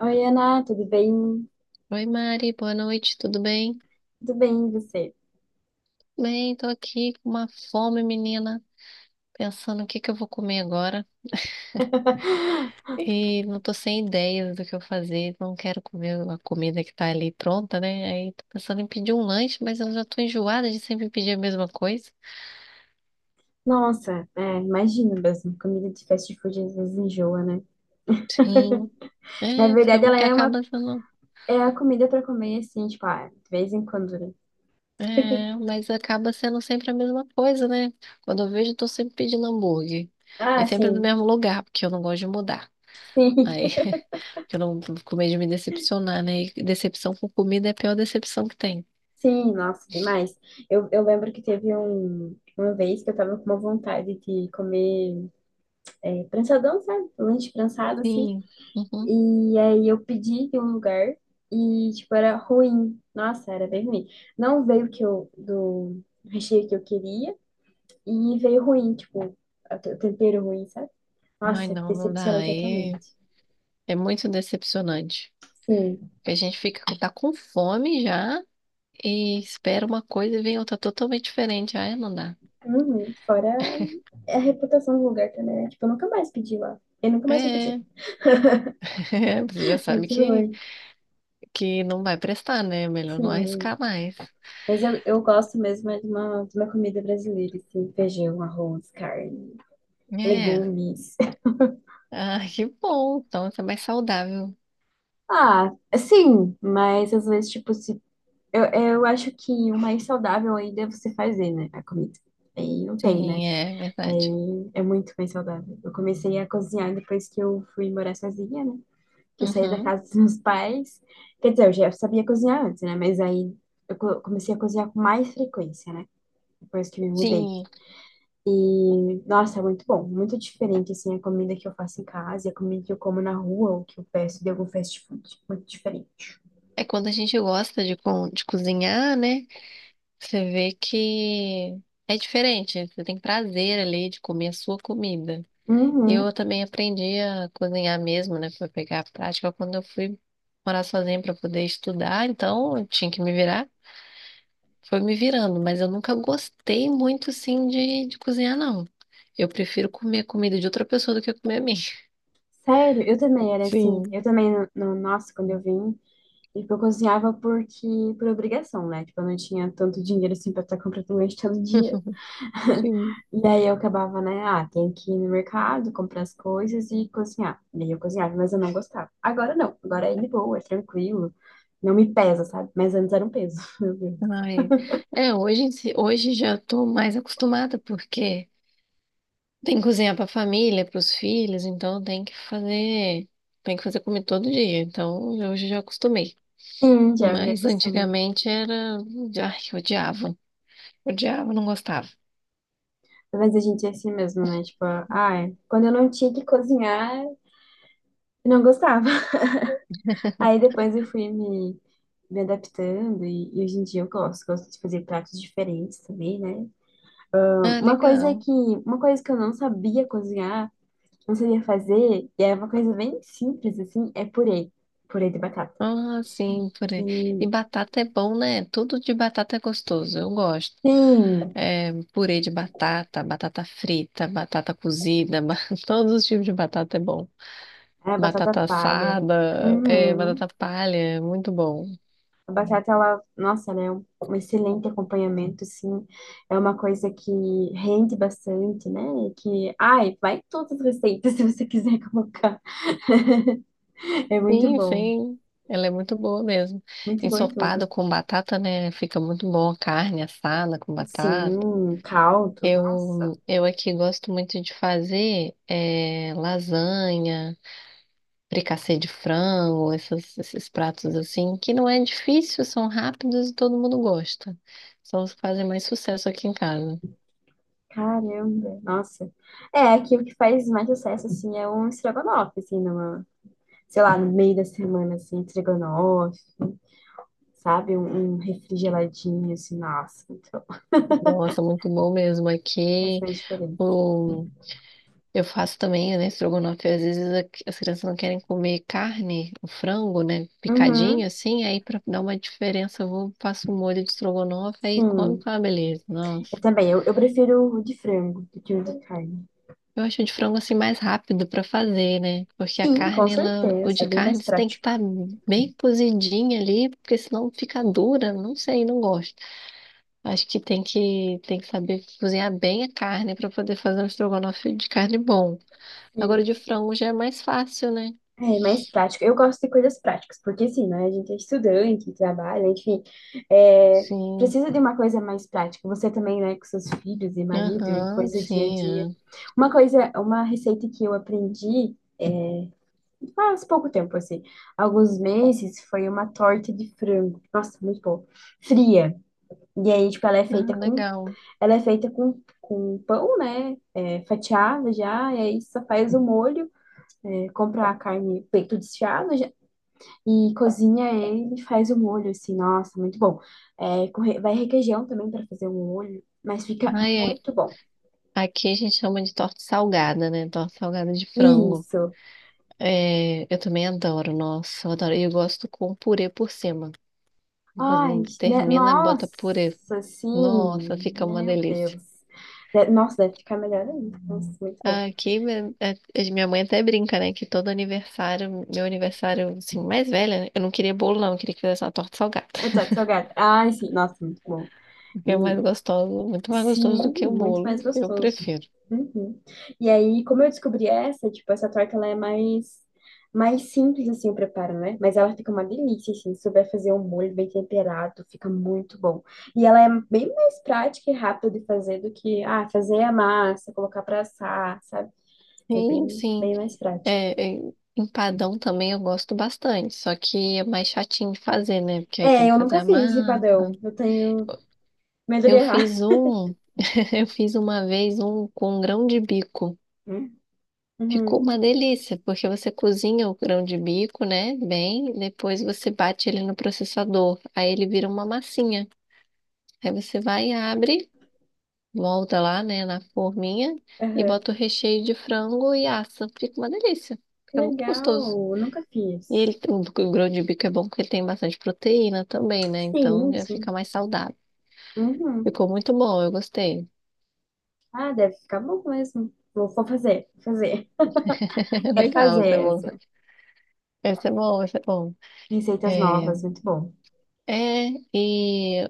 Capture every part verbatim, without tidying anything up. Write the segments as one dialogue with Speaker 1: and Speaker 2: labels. Speaker 1: Oi, Ana, tudo bem?
Speaker 2: Oi, Mari, boa noite, tudo bem?
Speaker 1: Tudo bem, e você?
Speaker 2: Bem, tô aqui com uma fome, menina, pensando o que que eu vou comer agora. E não tô sem ideias do que eu fazer, não quero comer a comida que tá ali pronta, né? Aí tô pensando em pedir um lanche, mas eu já tô enjoada de sempre pedir a mesma coisa.
Speaker 1: Nossa, é, imagino mesmo, comida de fast food às vezes enjoa, né?
Speaker 2: Sim,
Speaker 1: Na
Speaker 2: é,
Speaker 1: verdade,
Speaker 2: senão
Speaker 1: ela
Speaker 2: que
Speaker 1: é uma
Speaker 2: acaba sendo.
Speaker 1: é a comida pra comer, assim, tipo, ah, de vez em quando, né?
Speaker 2: É, mas acaba sendo sempre a mesma coisa, né? Quando eu vejo, eu tô sempre pedindo hambúrguer.
Speaker 1: Ah,
Speaker 2: E sempre do
Speaker 1: sim,
Speaker 2: mesmo lugar, porque eu não gosto de mudar.
Speaker 1: sim,
Speaker 2: Aí. Que eu não tô com medo de me decepcionar, né? E decepção com comida é a pior decepção que tem.
Speaker 1: sim, nossa, demais. Eu, eu lembro que teve um, uma vez que eu tava com uma vontade de comer é, prançadão, sabe? Lanche prensado, assim.
Speaker 2: Sim. Uhum.
Speaker 1: E aí eu pedi de um lugar e, tipo, era ruim. Nossa, era bem ruim. Não veio o que eu, do recheio que eu queria e veio ruim, tipo, a- o tempero ruim, sabe?
Speaker 2: Ai,
Speaker 1: Nossa,
Speaker 2: não, não
Speaker 1: decepcionei
Speaker 2: dá. É.
Speaker 1: totalmente.
Speaker 2: É muito decepcionante.
Speaker 1: Sim.
Speaker 2: Porque a gente fica, tá com fome já e espera uma coisa e vem outra totalmente diferente. Ai, não dá.
Speaker 1: Uhum. Fora a reputação do lugar também, né? Tipo, eu nunca mais pedi lá. Eu nunca mais vou pedir.
Speaker 2: É, é, você já sabe
Speaker 1: Mas
Speaker 2: que,
Speaker 1: ruim.
Speaker 2: que não vai prestar, né? Melhor não
Speaker 1: Sim.
Speaker 2: arriscar mais.
Speaker 1: Mas eu, eu gosto mesmo é de uma, de uma comida brasileira, assim, feijão, arroz, carne,
Speaker 2: É.
Speaker 1: legumes.
Speaker 2: Ah, que bom. Então, isso é mais saudável.
Speaker 1: Ah, sim, mas às vezes, tipo, se, eu, eu acho que o mais saudável ainda é você fazer, né, a comida. Aí não tem, né?
Speaker 2: Sim, é verdade.
Speaker 1: Aí é muito mais saudável. Eu comecei a cozinhar depois que eu fui morar sozinha, né? Que eu saí da
Speaker 2: Uhum.
Speaker 1: casa dos meus pais. Quer dizer, eu já sabia cozinhar antes, né? Mas aí eu co- comecei a cozinhar com mais frequência, né? Depois que me mudei.
Speaker 2: Sim,
Speaker 1: E, nossa, é muito bom. Muito diferente, assim, a comida que eu faço em casa e a comida que eu como na rua ou que eu peço de algum fast food. Muito diferente.
Speaker 2: é quando a gente gosta de, co- de cozinhar, né? Você vê que é diferente. Você tem prazer ali de comer a sua comida.
Speaker 1: Uhum.
Speaker 2: Eu também aprendi a cozinhar mesmo, né? Pra pegar a prática quando eu fui morar sozinha para poder estudar. Então, eu tinha que me virar. Foi me virando, mas eu nunca gostei muito, sim, de, de cozinhar, não. Eu prefiro comer a comida de outra pessoa do que comer a minha.
Speaker 1: Sério, eu também era assim.
Speaker 2: Sim,
Speaker 1: Eu também, no, no- nossa, quando eu vim, tipo, eu cozinhava porque, por obrigação, né? Tipo, eu não tinha tanto dinheiro assim pra estar comprando lanche todo dia.
Speaker 2: sim.
Speaker 1: E aí eu acabava, né? Ah, tem que ir no mercado, comprar as coisas e cozinhar. E aí eu cozinhava, mas eu não gostava. Agora não, agora é de boa, é tranquilo. Não me pesa, sabe? Mas antes era um peso, meu Deus.
Speaker 2: Ai, é, hoje, em si- hoje já estou mais acostumada, porque tem que cozinhar para a família, para os filhos, então tem que fazer, tem que fazer comida todo dia. Então hoje eu já acostumei.
Speaker 1: Sim, já me
Speaker 2: Mas
Speaker 1: acostuma.
Speaker 2: antigamente era, ai, eu odiava, odiava, não gostava.
Speaker 1: Mas a gente é assim mesmo, né? Tipo, ah, é, quando eu não tinha que cozinhar, eu não gostava. Aí depois eu fui me, me adaptando e, e hoje em dia eu gosto, gosto de fazer pratos diferentes também, né?
Speaker 2: Ah,
Speaker 1: Uma coisa
Speaker 2: legal.
Speaker 1: que, uma coisa que eu não sabia cozinhar, não sabia fazer, e é uma coisa bem simples assim, é purê, purê de batata.
Speaker 2: Ah, sim,
Speaker 1: E,
Speaker 2: purê. E batata é bom, né? Tudo de batata é gostoso, eu gosto.
Speaker 1: sim,
Speaker 2: É, purê de batata, batata frita, batata cozida, ba- todos os tipos de batata é bom.
Speaker 1: é a batata
Speaker 2: Batata
Speaker 1: palha.
Speaker 2: assada, é,
Speaker 1: Uhum.
Speaker 2: batata palha, é muito bom.
Speaker 1: A batata, ela, nossa, ela é um, um excelente acompanhamento, assim. É uma coisa que rende bastante, né? Que, ai, vai em todas as receitas se você quiser colocar. É muito
Speaker 2: Sim,
Speaker 1: bom.
Speaker 2: sim. Ela é muito boa mesmo.
Speaker 1: Muito bom em
Speaker 2: Ensopado
Speaker 1: tudo.
Speaker 2: com batata, né? Fica muito bom carne assada com batata.
Speaker 1: Sim, caldo, nossa,
Speaker 2: Eu, eu aqui gosto muito de fazer eh, lasanha, fricassê de frango, essas- esses pratos assim, que não é difícil, são rápidos e todo mundo gosta. São os que fazem mais sucesso aqui em casa.
Speaker 1: caramba, nossa. É, aqui o que faz mais sucesso, assim, é um estrogonofe, assim, numa, sei lá, no meio da semana, assim, estrogonofe, sabe? Um, um refrigeradinho, assim, nossa, muito bom.
Speaker 2: Nossa, muito bom mesmo
Speaker 1: Faz
Speaker 2: aqui.
Speaker 1: mais diferença.
Speaker 2: Eu faço também, né, estrogonofe. Às vezes a- as crianças não querem comer carne, o frango, né,
Speaker 1: Uhum,
Speaker 2: picadinho assim. Aí pra dar uma diferença, eu vou, faço um molho de estrogonofe aí come
Speaker 1: sim.
Speaker 2: com uma beleza. Nossa.
Speaker 1: Eu também, eu, eu prefiro o de frango do que o de carne.
Speaker 2: Eu acho o de frango assim mais rápido pra fazer, né? Porque a
Speaker 1: Sim, com
Speaker 2: carne, ela, o
Speaker 1: certeza,
Speaker 2: de
Speaker 1: é bem mais
Speaker 2: carne você tem que
Speaker 1: prático.
Speaker 2: estar bem cozidinha ali, porque senão fica dura. Não sei, não gosto. Acho que tem que tem que saber cozinhar bem a carne pra poder fazer um estrogonofe de carne bom. Agora o
Speaker 1: Sim.
Speaker 2: de frango já é mais fácil, né?
Speaker 1: É mais prático. Eu gosto de coisas práticas, porque assim, né? A gente é estudante, trabalha, enfim. É,
Speaker 2: Sim,
Speaker 1: precisa de uma coisa mais prática. Você também, né, com seus filhos e marido e
Speaker 2: aham,
Speaker 1: coisa do dia a
Speaker 2: sim.
Speaker 1: dia.
Speaker 2: É.
Speaker 1: Uma coisa, uma receita que eu aprendi faz pouco tempo, assim, alguns meses, foi uma torta de frango. Nossa, muito boa. Fria. E aí, tipo, ela é
Speaker 2: Ah,
Speaker 1: feita com,
Speaker 2: legal.
Speaker 1: ela é feita com, com pão, né? É, fatiado já, e aí só faz o molho. É, compra a carne, peito desfiado, e cozinha ele e faz o molho, assim, nossa, muito bom. É, com re- vai requeijão também para fazer o molho, mas fica
Speaker 2: Ai, é-
Speaker 1: muito bom.
Speaker 2: aqui a gente chama de torta salgada, né? Torta salgada de frango.
Speaker 1: Isso.
Speaker 2: É, eu também adoro, nossa, eu adoro. E eu gosto com purê por cima. Mas não
Speaker 1: Ai, né,
Speaker 2: termina, bota purê.
Speaker 1: nossa,
Speaker 2: Nossa,
Speaker 1: sim.
Speaker 2: fica uma
Speaker 1: Meu
Speaker 2: delícia.
Speaker 1: Deus. De- Nossa, deve ficar melhor ainda. Nossa, muito bom.
Speaker 2: Aqui, minha é- é- minha mãe até brinca, né? Que todo aniversário, meu aniversário, assim, mais velha, né? Eu não queria bolo, não. Eu queria que fizesse uma torta salgada.
Speaker 1: Eu tô de salgado. Ai, sim, nossa, muito bom.
Speaker 2: Porque é mais
Speaker 1: E
Speaker 2: gostoso, muito mais gostoso
Speaker 1: sim,
Speaker 2: do que o
Speaker 1: muito
Speaker 2: bolo.
Speaker 1: mais
Speaker 2: Eu
Speaker 1: gostoso.
Speaker 2: prefiro.
Speaker 1: Uhum. E aí, como eu descobri essa, tipo, essa torta ela é mais mais simples assim o preparo, né? Mas ela fica uma delícia assim, se souber fazer um molho bem temperado, fica muito bom. E ela é bem mais prática e rápida de fazer do que ah, fazer a massa, colocar pra assar, sabe? É
Speaker 2: Sim,
Speaker 1: bem
Speaker 2: sim.
Speaker 1: bem mais prática.
Speaker 2: É, é, empadão também eu gosto bastante, só que é mais chatinho de fazer, né? Porque aí tem
Speaker 1: É,
Speaker 2: que
Speaker 1: eu
Speaker 2: fazer
Speaker 1: nunca
Speaker 2: a
Speaker 1: fiz
Speaker 2: massa.
Speaker 1: empadão. Eu tenho medo de
Speaker 2: Eu
Speaker 1: errar.
Speaker 2: fiz um, eu fiz uma vez um com grão de bico.
Speaker 1: Hum?
Speaker 2: Ficou
Speaker 1: Uhum.
Speaker 2: uma delícia, porque você cozinha o grão de bico, né? Bem, depois você bate ele no processador, aí ele vira uma massinha. Aí você vai, abre, volta lá, né, na forminha e
Speaker 1: Aham.
Speaker 2: bota o recheio de frango e assa. Fica uma delícia.
Speaker 1: Que
Speaker 2: Fica muito
Speaker 1: legal,
Speaker 2: gostoso.
Speaker 1: eu nunca
Speaker 2: E
Speaker 1: fiz.
Speaker 2: ele, o, o grão de bico é bom porque ele tem bastante proteína também, né? Então
Speaker 1: Sim,
Speaker 2: já fica
Speaker 1: sim.
Speaker 2: mais saudável.
Speaker 1: Uhum.
Speaker 2: Ficou muito bom, eu gostei.
Speaker 1: Ah, deve ficar bom mesmo. Vou, vou fazer, vou fazer. Quero
Speaker 2: Legal,
Speaker 1: fazer
Speaker 2: esse é bom.
Speaker 1: essa.
Speaker 2: Esse é bom, esse é bom.
Speaker 1: Receitas
Speaker 2: É,
Speaker 1: novas, muito bom.
Speaker 2: é, e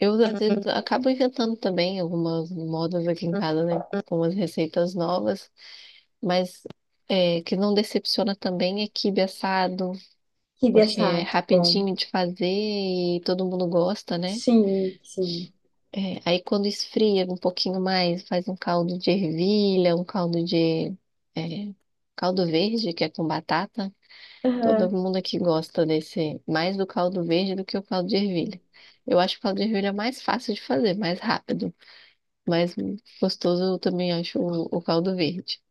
Speaker 2: eu às vezes acabo inventando também algumas modas aqui em casa, né? Algumas receitas novas, mas é, que não decepciona também é quibe assado,
Speaker 1: Kibe
Speaker 2: porque é
Speaker 1: assado, bom.
Speaker 2: rapidinho de fazer e todo mundo gosta, né?
Speaker 1: Sim, sim.
Speaker 2: É, aí quando esfria um pouquinho mais, faz um caldo de ervilha, um caldo de é, caldo verde, que é com batata.
Speaker 1: Aham.
Speaker 2: Todo mundo aqui gosta desse, mais do caldo verde do que o caldo de ervilha. Eu acho o caldo de ervilha mais fácil de fazer, mais rápido, mais gostoso eu também acho o, o caldo verde.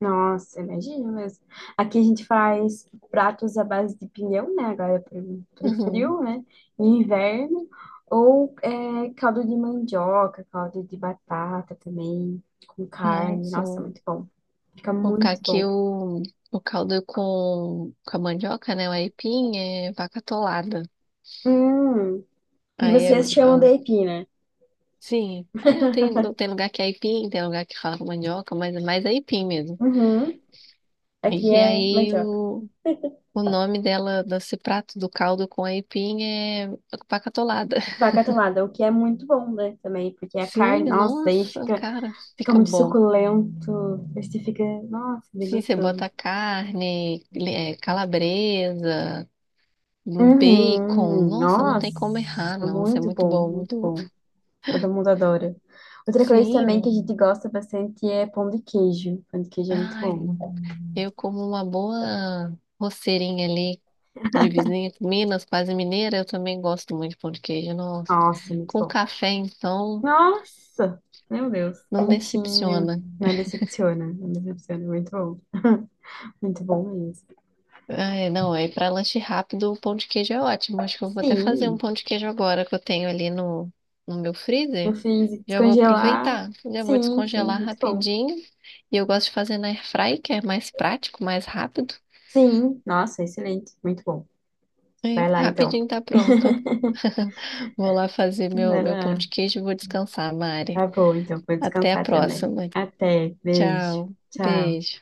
Speaker 1: Nossa, imagina mesmo. Aqui a gente faz pratos à base de pinhão, né? Agora é pro, pro
Speaker 2: Uhum.
Speaker 1: frio, né? Em inverno. Ou é, caldo de mandioca, caldo de batata também, com
Speaker 2: Ah,
Speaker 1: carne. Nossa,
Speaker 2: sim.
Speaker 1: muito bom. Fica
Speaker 2: O
Speaker 1: muito
Speaker 2: caqui,
Speaker 1: bom.
Speaker 2: o, o caldo com, com a mandioca, né? O aipim é vaca atolada.
Speaker 1: Hum, e
Speaker 2: Aí é é
Speaker 1: vocês chamam de aipim, né?
Speaker 2: sim. É, eu tenho, tem lugar que é aipim, tem lugar que fala com mandioca, mas é mais aipim mesmo.
Speaker 1: Uhum. Aqui
Speaker 2: E
Speaker 1: é
Speaker 2: aí
Speaker 1: mandioca.
Speaker 2: o, o nome dela, desse prato do caldo com aipim é pacatolada.
Speaker 1: Vaca atolada, o que é muito bom, né? Também, porque a
Speaker 2: Sim,
Speaker 1: carne, nossa, aí
Speaker 2: nossa,
Speaker 1: fica,
Speaker 2: cara,
Speaker 1: fica
Speaker 2: fica
Speaker 1: muito
Speaker 2: bom.
Speaker 1: suculento. Aí você fica, nossa, bem
Speaker 2: Sim, você
Speaker 1: gostoso.
Speaker 2: bota carne, é, calabresa, um bacon.
Speaker 1: Uhum,
Speaker 2: Nossa, não
Speaker 1: nossa,
Speaker 2: tem como errar, não. Isso é
Speaker 1: muito
Speaker 2: muito
Speaker 1: bom,
Speaker 2: bom,
Speaker 1: muito
Speaker 2: muito bom.
Speaker 1: bom. Todo mundo adora. Outra coisa também que a
Speaker 2: Sim,
Speaker 1: gente gosta bastante é pão de queijo. Pão de queijo é muito
Speaker 2: ai,
Speaker 1: bom.
Speaker 2: eu como uma boa roceirinha ali de vizinha, Minas, quase mineira, eu também gosto muito de pão de queijo. Nossa,
Speaker 1: Nossa, muito
Speaker 2: com
Speaker 1: bom.
Speaker 2: café, então,
Speaker 1: Nossa, meu Deus.
Speaker 2: não
Speaker 1: Quentinho.
Speaker 2: decepciona.
Speaker 1: Não decepciona, não decepciona. Muito bom. Muito bom mesmo.
Speaker 2: Ai, não, aí para lanche rápido, o pão de queijo é ótimo. Acho que eu vou até fazer um
Speaker 1: Sim.
Speaker 2: pão de queijo agora que eu tenho ali no, no meu
Speaker 1: Eu
Speaker 2: freezer.
Speaker 1: fiz
Speaker 2: Já vou
Speaker 1: descongelar.
Speaker 2: aproveitar, já vou
Speaker 1: Sim, sim,
Speaker 2: descongelar
Speaker 1: muito bom.
Speaker 2: rapidinho. E eu gosto de fazer na airfry, que é mais prático, mais rápido.
Speaker 1: Sim, nossa, excelente, muito bom.
Speaker 2: E
Speaker 1: Vai lá então.
Speaker 2: rapidinho tá pronto. Vou lá fazer meu,
Speaker 1: Vai
Speaker 2: meu pão
Speaker 1: lá.
Speaker 2: de queijo e vou descansar, Mari.
Speaker 1: Tá bom, então vou
Speaker 2: Até a
Speaker 1: descansar também.
Speaker 2: próxima.
Speaker 1: Até, beijo.
Speaker 2: Tchau.
Speaker 1: Tchau.
Speaker 2: Beijo.